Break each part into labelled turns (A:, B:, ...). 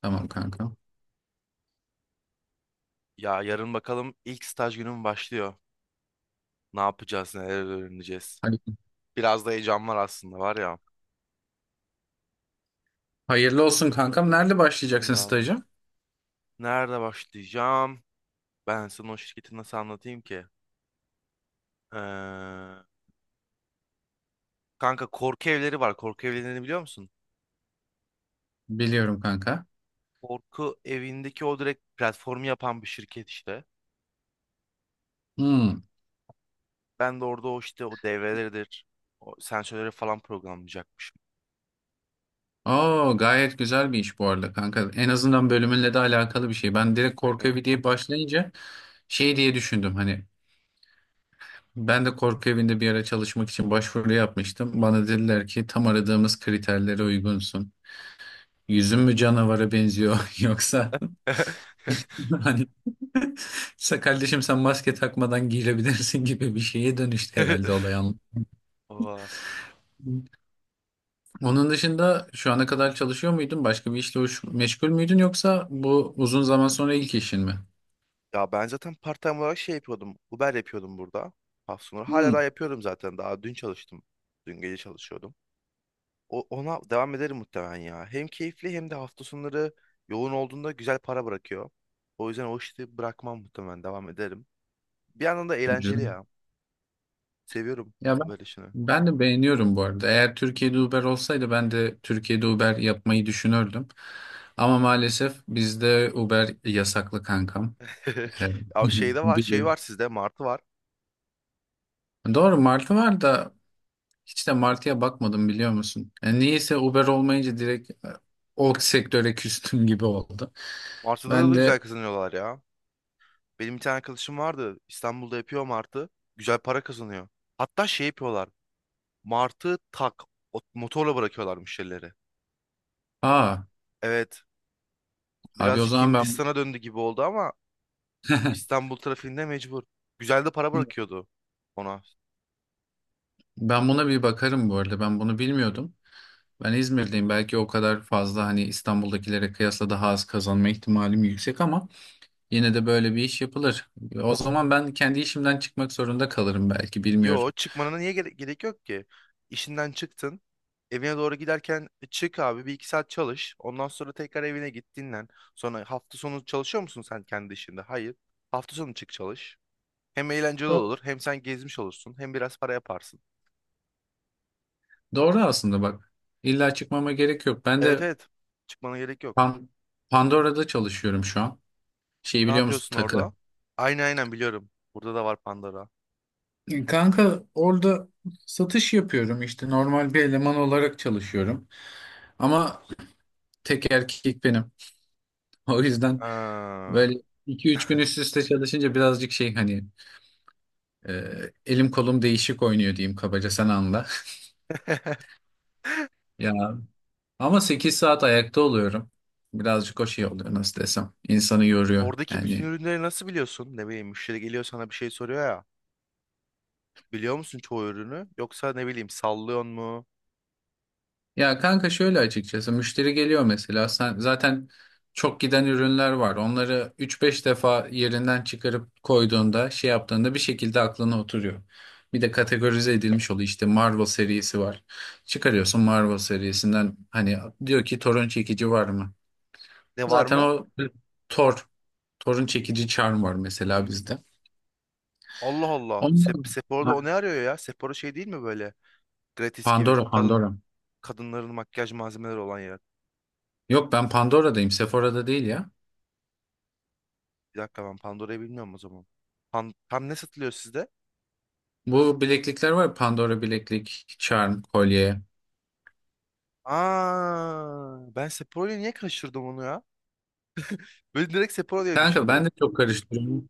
A: Tamam kanka.
B: Ya yarın bakalım ilk staj günüm başlıyor. Ne yapacağız, neler öğreneceğiz.
A: Hadi.
B: Biraz da heyecan var aslında var ya.
A: Hayırlı olsun kankam. Nerede başlayacaksın
B: Eyvallah.
A: staja?
B: Nerede başlayacağım? Ben sana o şirketi nasıl anlatayım ki? Ee, Kanka korku evleri var. Korku evlerini biliyor musun?
A: Biliyorum kanka.
B: Korku evindeki o direkt platformu yapan bir şirket işte.
A: Hmm.
B: Ben de orada o işte o devreleridir. O sensörleri falan programlayacakmışım.
A: Oo, gayet güzel bir iş bu arada kanka. En azından bölümünle de alakalı bir şey. Ben direkt korku
B: Aynen.
A: evi diye başlayınca şey diye düşündüm hani ben de korku evinde bir ara çalışmak için başvuru yapmıştım. Bana dediler ki tam aradığımız kriterlere uygunsun. Yüzün mü canavara benziyor yoksa hani "Sa- kardeşim sen maske takmadan girebilirsin gibi bir şeye dönüştü herhalde olay.
B: Oha.
A: Onun dışında şu ana kadar çalışıyor muydun? Başka bir işle uğraş- meşgul müydün yoksa bu uzun zaman sonra ilk işin mi?
B: Ya ben zaten part-time olarak şey yapıyordum. Uber yapıyordum burada. Hafta sonları. Hala
A: Hmm,
B: daha yapıyorum zaten. Daha dün çalıştım. Dün gece çalışıyordum. Ona devam ederim muhtemelen ya. Hem keyifli hem de hafta sonları yoğun olduğunda güzel para bırakıyor. O yüzden o işi bırakmam muhtemelen. Devam ederim. Bir yandan da eğlenceli
A: güzel.
B: ya. Seviyorum
A: Ya ben,
B: Uber işini.
A: ben de beğeniyorum bu arada. Eğer Türkiye'de Uber olsaydı ben de Türkiye'de Uber yapmayı düşünürdüm. Ama maalesef bizde Uber yasaklı kankam. Ee,
B: Ya şeyde var, şey
A: biliyorum.
B: var sizde. Martı var.
A: Doğru Martı var da hiç de Martı'ya bakmadım biliyor musun? Yani niyeyse Uber olmayınca direkt o sektöre küstüm gibi oldu.
B: Martı'da
A: Ben
B: da
A: de.
B: güzel kazanıyorlar ya. Benim bir tane arkadaşım vardı. İstanbul'da yapıyor Martı. Güzel para kazanıyor. Hatta şey yapıyorlar. Martı motorla bırakıyorlarmış şeyleri.
A: Aa,
B: Evet,
A: abi o
B: birazcık
A: zaman ben
B: Hindistan'a döndü gibi oldu ama İstanbul trafiğinde mecbur. Güzel de para bırakıyordu ona.
A: ben buna bir bakarım bu arada. Ben bunu bilmiyordum. Ben İzmir'deyim. Belki o kadar fazla hani İstanbul'dakilere kıyasla daha az kazanma ihtimalim yüksek ama yine de böyle bir iş yapılır. O zaman ben kendi işimden çıkmak zorunda kalırım belki
B: Yo,
A: bilmiyorum.
B: çıkmanına niye gerek yok ki? İşinden çıktın. Evine doğru giderken "E, çık abi bir iki saat çalış. Ondan sonra tekrar evine git, dinlen. Sonra hafta sonu çalışıyor musun sen kendi işinde? Hayır. Hafta sonu çık çalış. Hem eğlenceli
A: Doğru.
B: olur hem sen gezmiş olursun hem biraz para yaparsın.
A: Doğru aslında bak. İlla çıkmama gerek yok. Ben
B: Evet,
A: de
B: evet, çıkmana gerek yok.
A: Pan- Pandora'da çalışıyorum şu an. Şeyi
B: Ne
A: biliyor musun?
B: yapıyorsun
A: Takı.
B: orada? Aynen, aynen, biliyorum. Burada da var Pandora.
A: Kanka orada satış yapıyorum işte normal bir eleman olarak çalışıyorum. Ama tek erkek benim. O yüzden
B: Ha.
A: böyle iki üç gün üst üste çalışınca birazcık şey hani e, elim kolum değişik oynuyor diyeyim kabaca sen anla. Ya ama 8 saat ayakta oluyorum. Birazcık o şey oluyor nasıl desem. İnsanı yoruyor.
B: Oradaki bütün
A: Yani
B: ürünleri nasıl biliyorsun? Ne bileyim, müşteri geliyor sana bir şey soruyor ya. Biliyor musun çoğu ürünü? Yoksa ne bileyim sallıyor mu?
A: ya kanka şöyle açıkçası müşteri geliyor mesela sen zaten çok giden ürünler var. Onları üç beş defa yerinden çıkarıp koyduğunda şey yaptığında bir şekilde aklına oturuyor. Bir de kategorize edilmiş oluyor işte Marvel serisi var. Çıkarıyorsun Marvel serisinden hani diyor ki torun çekici var mı?
B: Ne, var
A: Zaten
B: mı?
A: o Thor, torun çekici charm var mesela bizde.
B: Allah Allah.
A: Ondan.
B: Sephora'da
A: Ha.
B: o ne arıyor ya? Sephora şey değil mi böyle? Gratis gibi.
A: Pandora, Pandora.
B: Kadınların makyaj malzemeleri olan yer.
A: Yok ben Pandora'dayım, Sephora'da değil ya.
B: Bir dakika, ben Pandora'yı bilmiyorum o zaman. Tam ne satılıyor sizde?
A: Bu bileklikler var ya Pandora bileklik, charm, kolye.
B: Aa, ben Sephora'yı niye kaçırdım onu ya? Böyle direkt Sephora diye
A: Kanka ben de
B: düşündüm.
A: çok karıştırıyorum.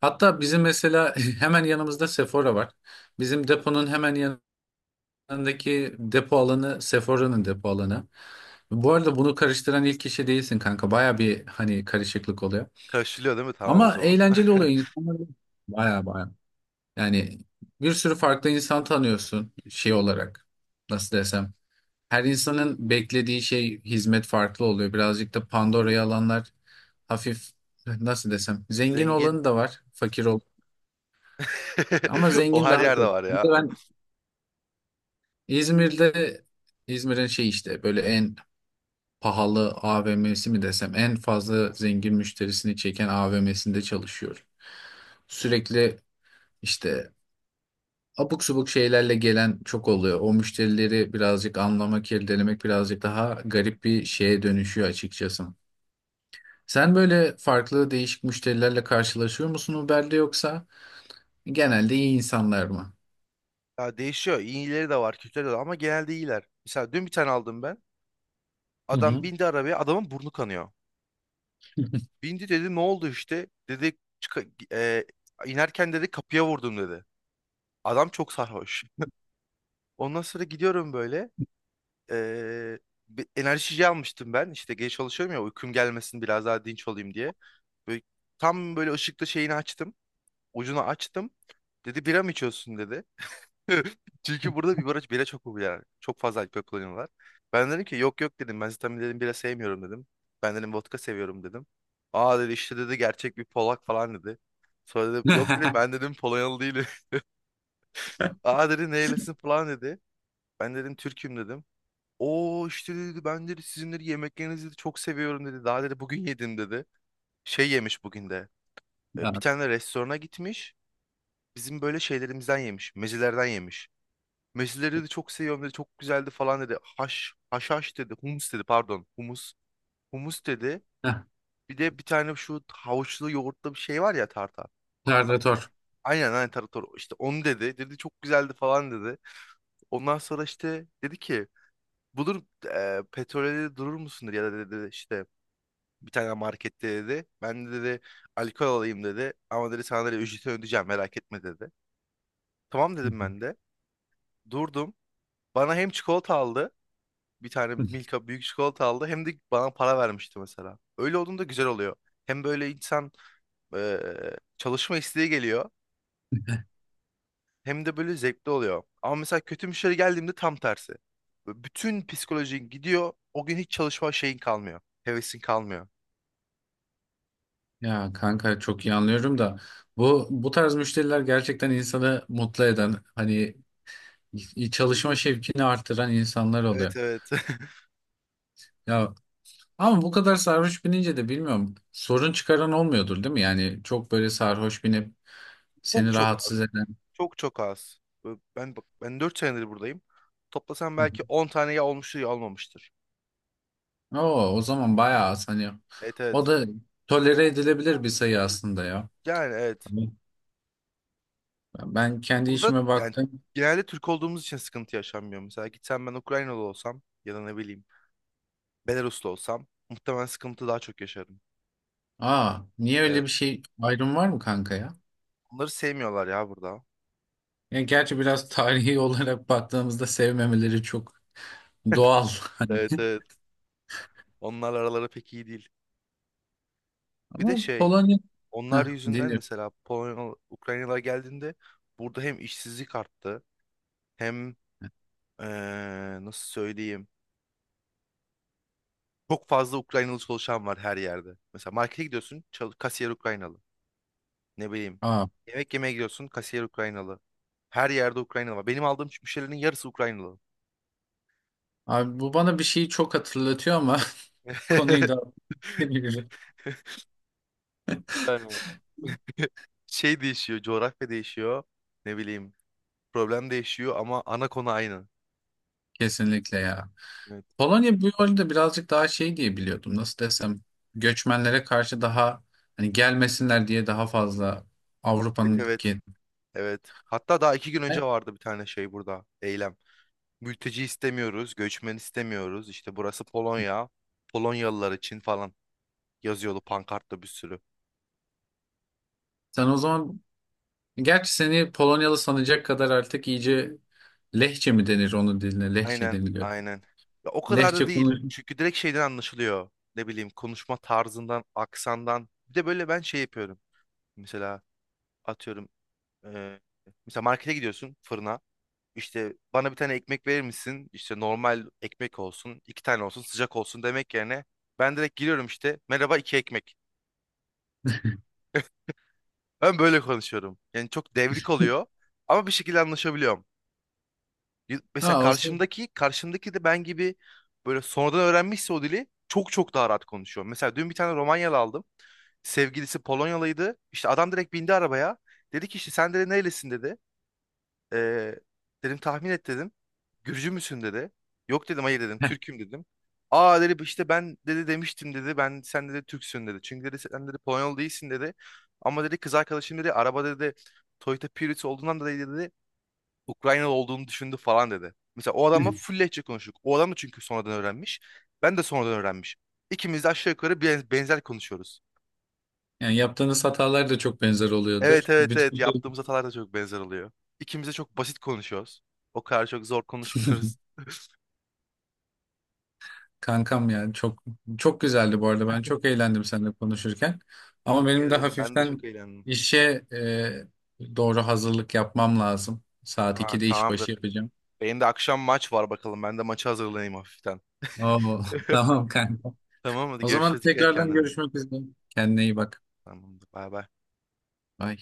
A: Hatta bizim mesela hemen yanımızda Sephora var. Bizim deponun hemen yanındaki depo alanı Sephora'nın depo alanı. Bu arada bunu karıştıran ilk kişi değilsin kanka. Baya bir hani karışıklık oluyor.
B: Karşılıyor değil mi? Tamam o
A: Ama
B: zaman.
A: eğlenceli oluyor insanlar. Baya baya. Yani bir sürü farklı insan tanıyorsun şey olarak. Nasıl desem. Her insanın beklediği şey hizmet farklı oluyor. Birazcık da Pandora'yı alanlar hafif nasıl desem zengin
B: Zengin.
A: olanı da var, fakir ol. Ama
B: O
A: zengin
B: her
A: daha
B: yerde
A: çok.
B: var
A: Bir
B: ya.
A: de ben İzmir'de İzmir'in şey işte böyle en pahalı AVM'si mi desem en fazla zengin müşterisini çeken AVM'sinde çalışıyorum. Sürekli işte abuk subuk şeylerle gelen çok oluyor. O müşterileri birazcık anlamak, irdelemek birazcık daha garip bir şeye dönüşüyor açıkçası. Sen böyle farklı değişik müşterilerle karşılaşıyor musun Uber'de yoksa genelde iyi insanlar mı?
B: Ya değişiyor. İyileri de var, kötüleri de var ama genelde iyiler. Mesela dün bir tane aldım ben.
A: Hı
B: Adam
A: hı.
B: bindi arabaya, adamın burnu kanıyor. Bindi, dedi ne oldu işte? Dedi, inerken dedi, kapıya vurdum dedi. Adam çok sarhoş. Ondan sonra gidiyorum böyle. E, Bir enerjici almıştım ben. İşte geç çalışıyorum ya, uykum gelmesin biraz daha dinç olayım diye. Böyle, tam böyle ışıklı şeyini açtım. Ucunu açtım. Dedi bira mı içiyorsun dedi. Çünkü burada bir baraj bira çok popüler. Çok fazla alkol kullanıyorlar. Ben dedim ki yok, yok, dedim. Ben zaten dedim bira sevmiyorum dedim. Ben dedim vodka seviyorum dedim. Aa, dedi, işte, dedi, gerçek bir Polak falan dedi. Sonra dedim yok dedim ben dedim Polonyalı değilim. Aa, dedi, nerelisin falan dedi. Ben dedim Türk'üm dedim. Oo, işte, dedi, ben, dedi, sizin, dedi, yemeklerinizi dedi, çok seviyorum dedi. Daha, dedi, bugün yedim dedi. Şey yemiş bugün de. Bir
A: Ya.
B: tane restorana gitmiş. Bizim böyle şeylerimizden yemiş. Mezelerden yemiş. Mezeleri de çok seviyorum dedi. Çok güzeldi falan dedi. Haşhaş dedi. Humus dedi, pardon. Humus. Humus dedi.
A: Heh.
B: Bir de bir tane şu havuçlu yoğurtlu bir şey var ya, tartar. Tar-
A: Predatör.
B: Aynen, aynen, tartar. İşte onu dedi. Dedi çok güzeldi falan dedi. Ondan sonra işte dedi ki bulur petrole, dedi, durur musun dedi, ya da, dedi, işte bir tane markette dedi. Ben de, dedi, alkol alayım dedi. Ama, dedi, sana, dedi, ücreti ödeyeceğim merak etme dedi. Tamam
A: Hı
B: dedim ben de. Durdum. Bana hem çikolata aldı, bir tane
A: hı.
B: Milka büyük çikolata aldı. Hem de bana para vermişti mesela. Öyle olduğunda güzel oluyor. Hem böyle insan e, çalışma isteği geliyor. Hem de böyle zevkli oluyor. Ama mesela kötü müşteri geldiğimde tam tersi. Böyle bütün psikolojin gidiyor. O gün hiç çalışma şeyin kalmıyor. Hevesin kalmıyor.
A: Ya kanka çok iyi anlıyorum da bu bu tarz müşteriler gerçekten insanı mutlu eden hani çalışma şevkini artıran insanlar
B: Evet,
A: oluyor.
B: evet.
A: Ya ama bu kadar sarhoş binince de bilmiyorum sorun çıkaran olmuyordur değil mi? Yani çok böyle sarhoş binip
B: Çok
A: seni
B: çok
A: rahatsız
B: az.
A: eden.
B: Çok çok az. Böyle ben bak ben 4 senedir buradayım. Toplasam belki 10 tane ya olmuştur ya olmamıştır.
A: Oo, o zaman bayağı az hani
B: Evet,
A: o
B: evet.
A: da tolere edilebilir bir sayı aslında ya.
B: Yani evet.
A: Hani ben kendi
B: Burada
A: işime
B: yani
A: baktım.
B: genelde Türk olduğumuz için sıkıntı yaşanmıyor. Mesela gitsem ben Ukraynalı olsam ya da ne bileyim Belaruslu olsam muhtemelen sıkıntı daha çok yaşarım.
A: Aa, niye öyle
B: Evet.
A: bir şey ayrım var mı kanka ya?
B: Onları sevmiyorlar ya burada.
A: Yani gerçi biraz tarihi olarak baktığımızda sevmemeleri çok doğal. Hani
B: Evet, evet. Onlarla araları pek iyi değil. Bir de
A: ama
B: şey,
A: Polonya. Heh,
B: onlar yüzünden
A: dinliyorum.
B: mesela Polonyalı, Ukraynalılar geldiğinde burada hem işsizlik arttı hem nasıl söyleyeyim, çok fazla Ukraynalı çalışan var her yerde. Mesela markete gidiyorsun, kasiyer Ukraynalı. Ne bileyim.
A: Aa,
B: Yemek yemeye gidiyorsun. Kasiyer Ukraynalı. Her yerde Ukraynalı var. Benim aldığım müşterilerin yarısı Ukraynalı.
A: abi bu bana bir şeyi çok hatırlatıyor ama konuyu da
B: Yani şey değişiyor. Coğrafya değişiyor. Ne bileyim. Problem değişiyor ama ana konu aynı.
A: kesinlikle ya.
B: Evet.
A: Polonya bu yolda birazcık daha şey diye biliyordum. Nasıl desem göçmenlere karşı daha hani gelmesinler diye daha fazla
B: Evet,
A: Avrupa'nın
B: evet.
A: kendine.
B: Evet. Hatta daha 2 gün önce vardı bir tane şey burada. Eylem. Mülteci istemiyoruz. Göçmen istemiyoruz. İşte burası Polonya. Polonyalılar için falan yazıyordu pankartta bir sürü.
A: Sen o zaman gerçi seni Polonyalı sanacak kadar artık iyice lehçe mi denir onun diline? Lehçe
B: Aynen,
A: deniliyor.
B: aynen. Ya o kadar da
A: Lehçe
B: değil.
A: konuş.
B: Çünkü direkt şeyden anlaşılıyor. Ne bileyim, konuşma tarzından, aksandan. Bir de böyle ben şey yapıyorum. Mesela atıyorum, e, mesela markete gidiyorsun, fırına. İşte bana bir tane ekmek verir misin? İşte normal ekmek olsun, iki tane olsun, sıcak olsun demek yerine ben direkt giriyorum işte. Merhaba, iki ekmek. Ben böyle konuşuyorum. Yani çok devrik oluyor ama bir şekilde anlaşabiliyorum. Mesela
A: Ha olsun.
B: karşımdaki, de ben gibi böyle sonradan öğrenmişse o dili çok çok daha rahat konuşuyor. Mesela dün bir tane Romanyalı aldım. Sevgilisi Polonyalıydı. İşte adam direkt bindi arabaya. Dedi ki işte sen de nerelisin dedi. Ee, Dedim tahmin et dedim. Gürcü müsün dedi. Yok dedim, hayır dedim, Türk'üm dedim. Aa, dedi, işte, ben, dedi, demiştim dedi. Ben, sen, dedi, Türksün dedi. Çünkü, dedi, sen, dedi, Polonyalı değilsin dedi. Ama, dedi, kız arkadaşım, dedi, araba, dedi, Toyota Prius olduğundan dolayı, dedi, Ukraynalı olduğunu düşündü falan dedi. Mesela o adamla full lehçe konuştuk. O adam da çünkü sonradan öğrenmiş. Ben de sonradan öğrenmiş. İkimiz de aşağı yukarı benzer konuşuyoruz.
A: Yani yaptığınız hatalar da çok benzer
B: Evet,
A: oluyordur.
B: evet, evet,
A: Bütün
B: yaptığımız hatalar da çok benzer oluyor. İkimiz de çok basit konuşuyoruz. O kadar çok zor konuşmuyoruz.
A: kankam ya çok çok güzeldi bu arada. Ben çok eğlendim seninle konuşurken. Ama
B: Teşekkür
A: benim de
B: ederim. Ben de çok
A: hafiften
B: eğlendim.
A: işe doğru hazırlık yapmam lazım. Saat
B: Ha,
A: 2'de işbaşı
B: tamamdır.
A: yapacağım.
B: Benim de akşam maç var bakalım. Ben de maçı hazırlayayım hafiften.
A: Oo, tamam kanka.
B: Tamam, hadi
A: O zaman
B: görüşürüz. Dikkat et
A: tekrardan
B: kendine.
A: görüşmek üzere. Kendine iyi bak.
B: Tamamdır. Bay bay.
A: Bye.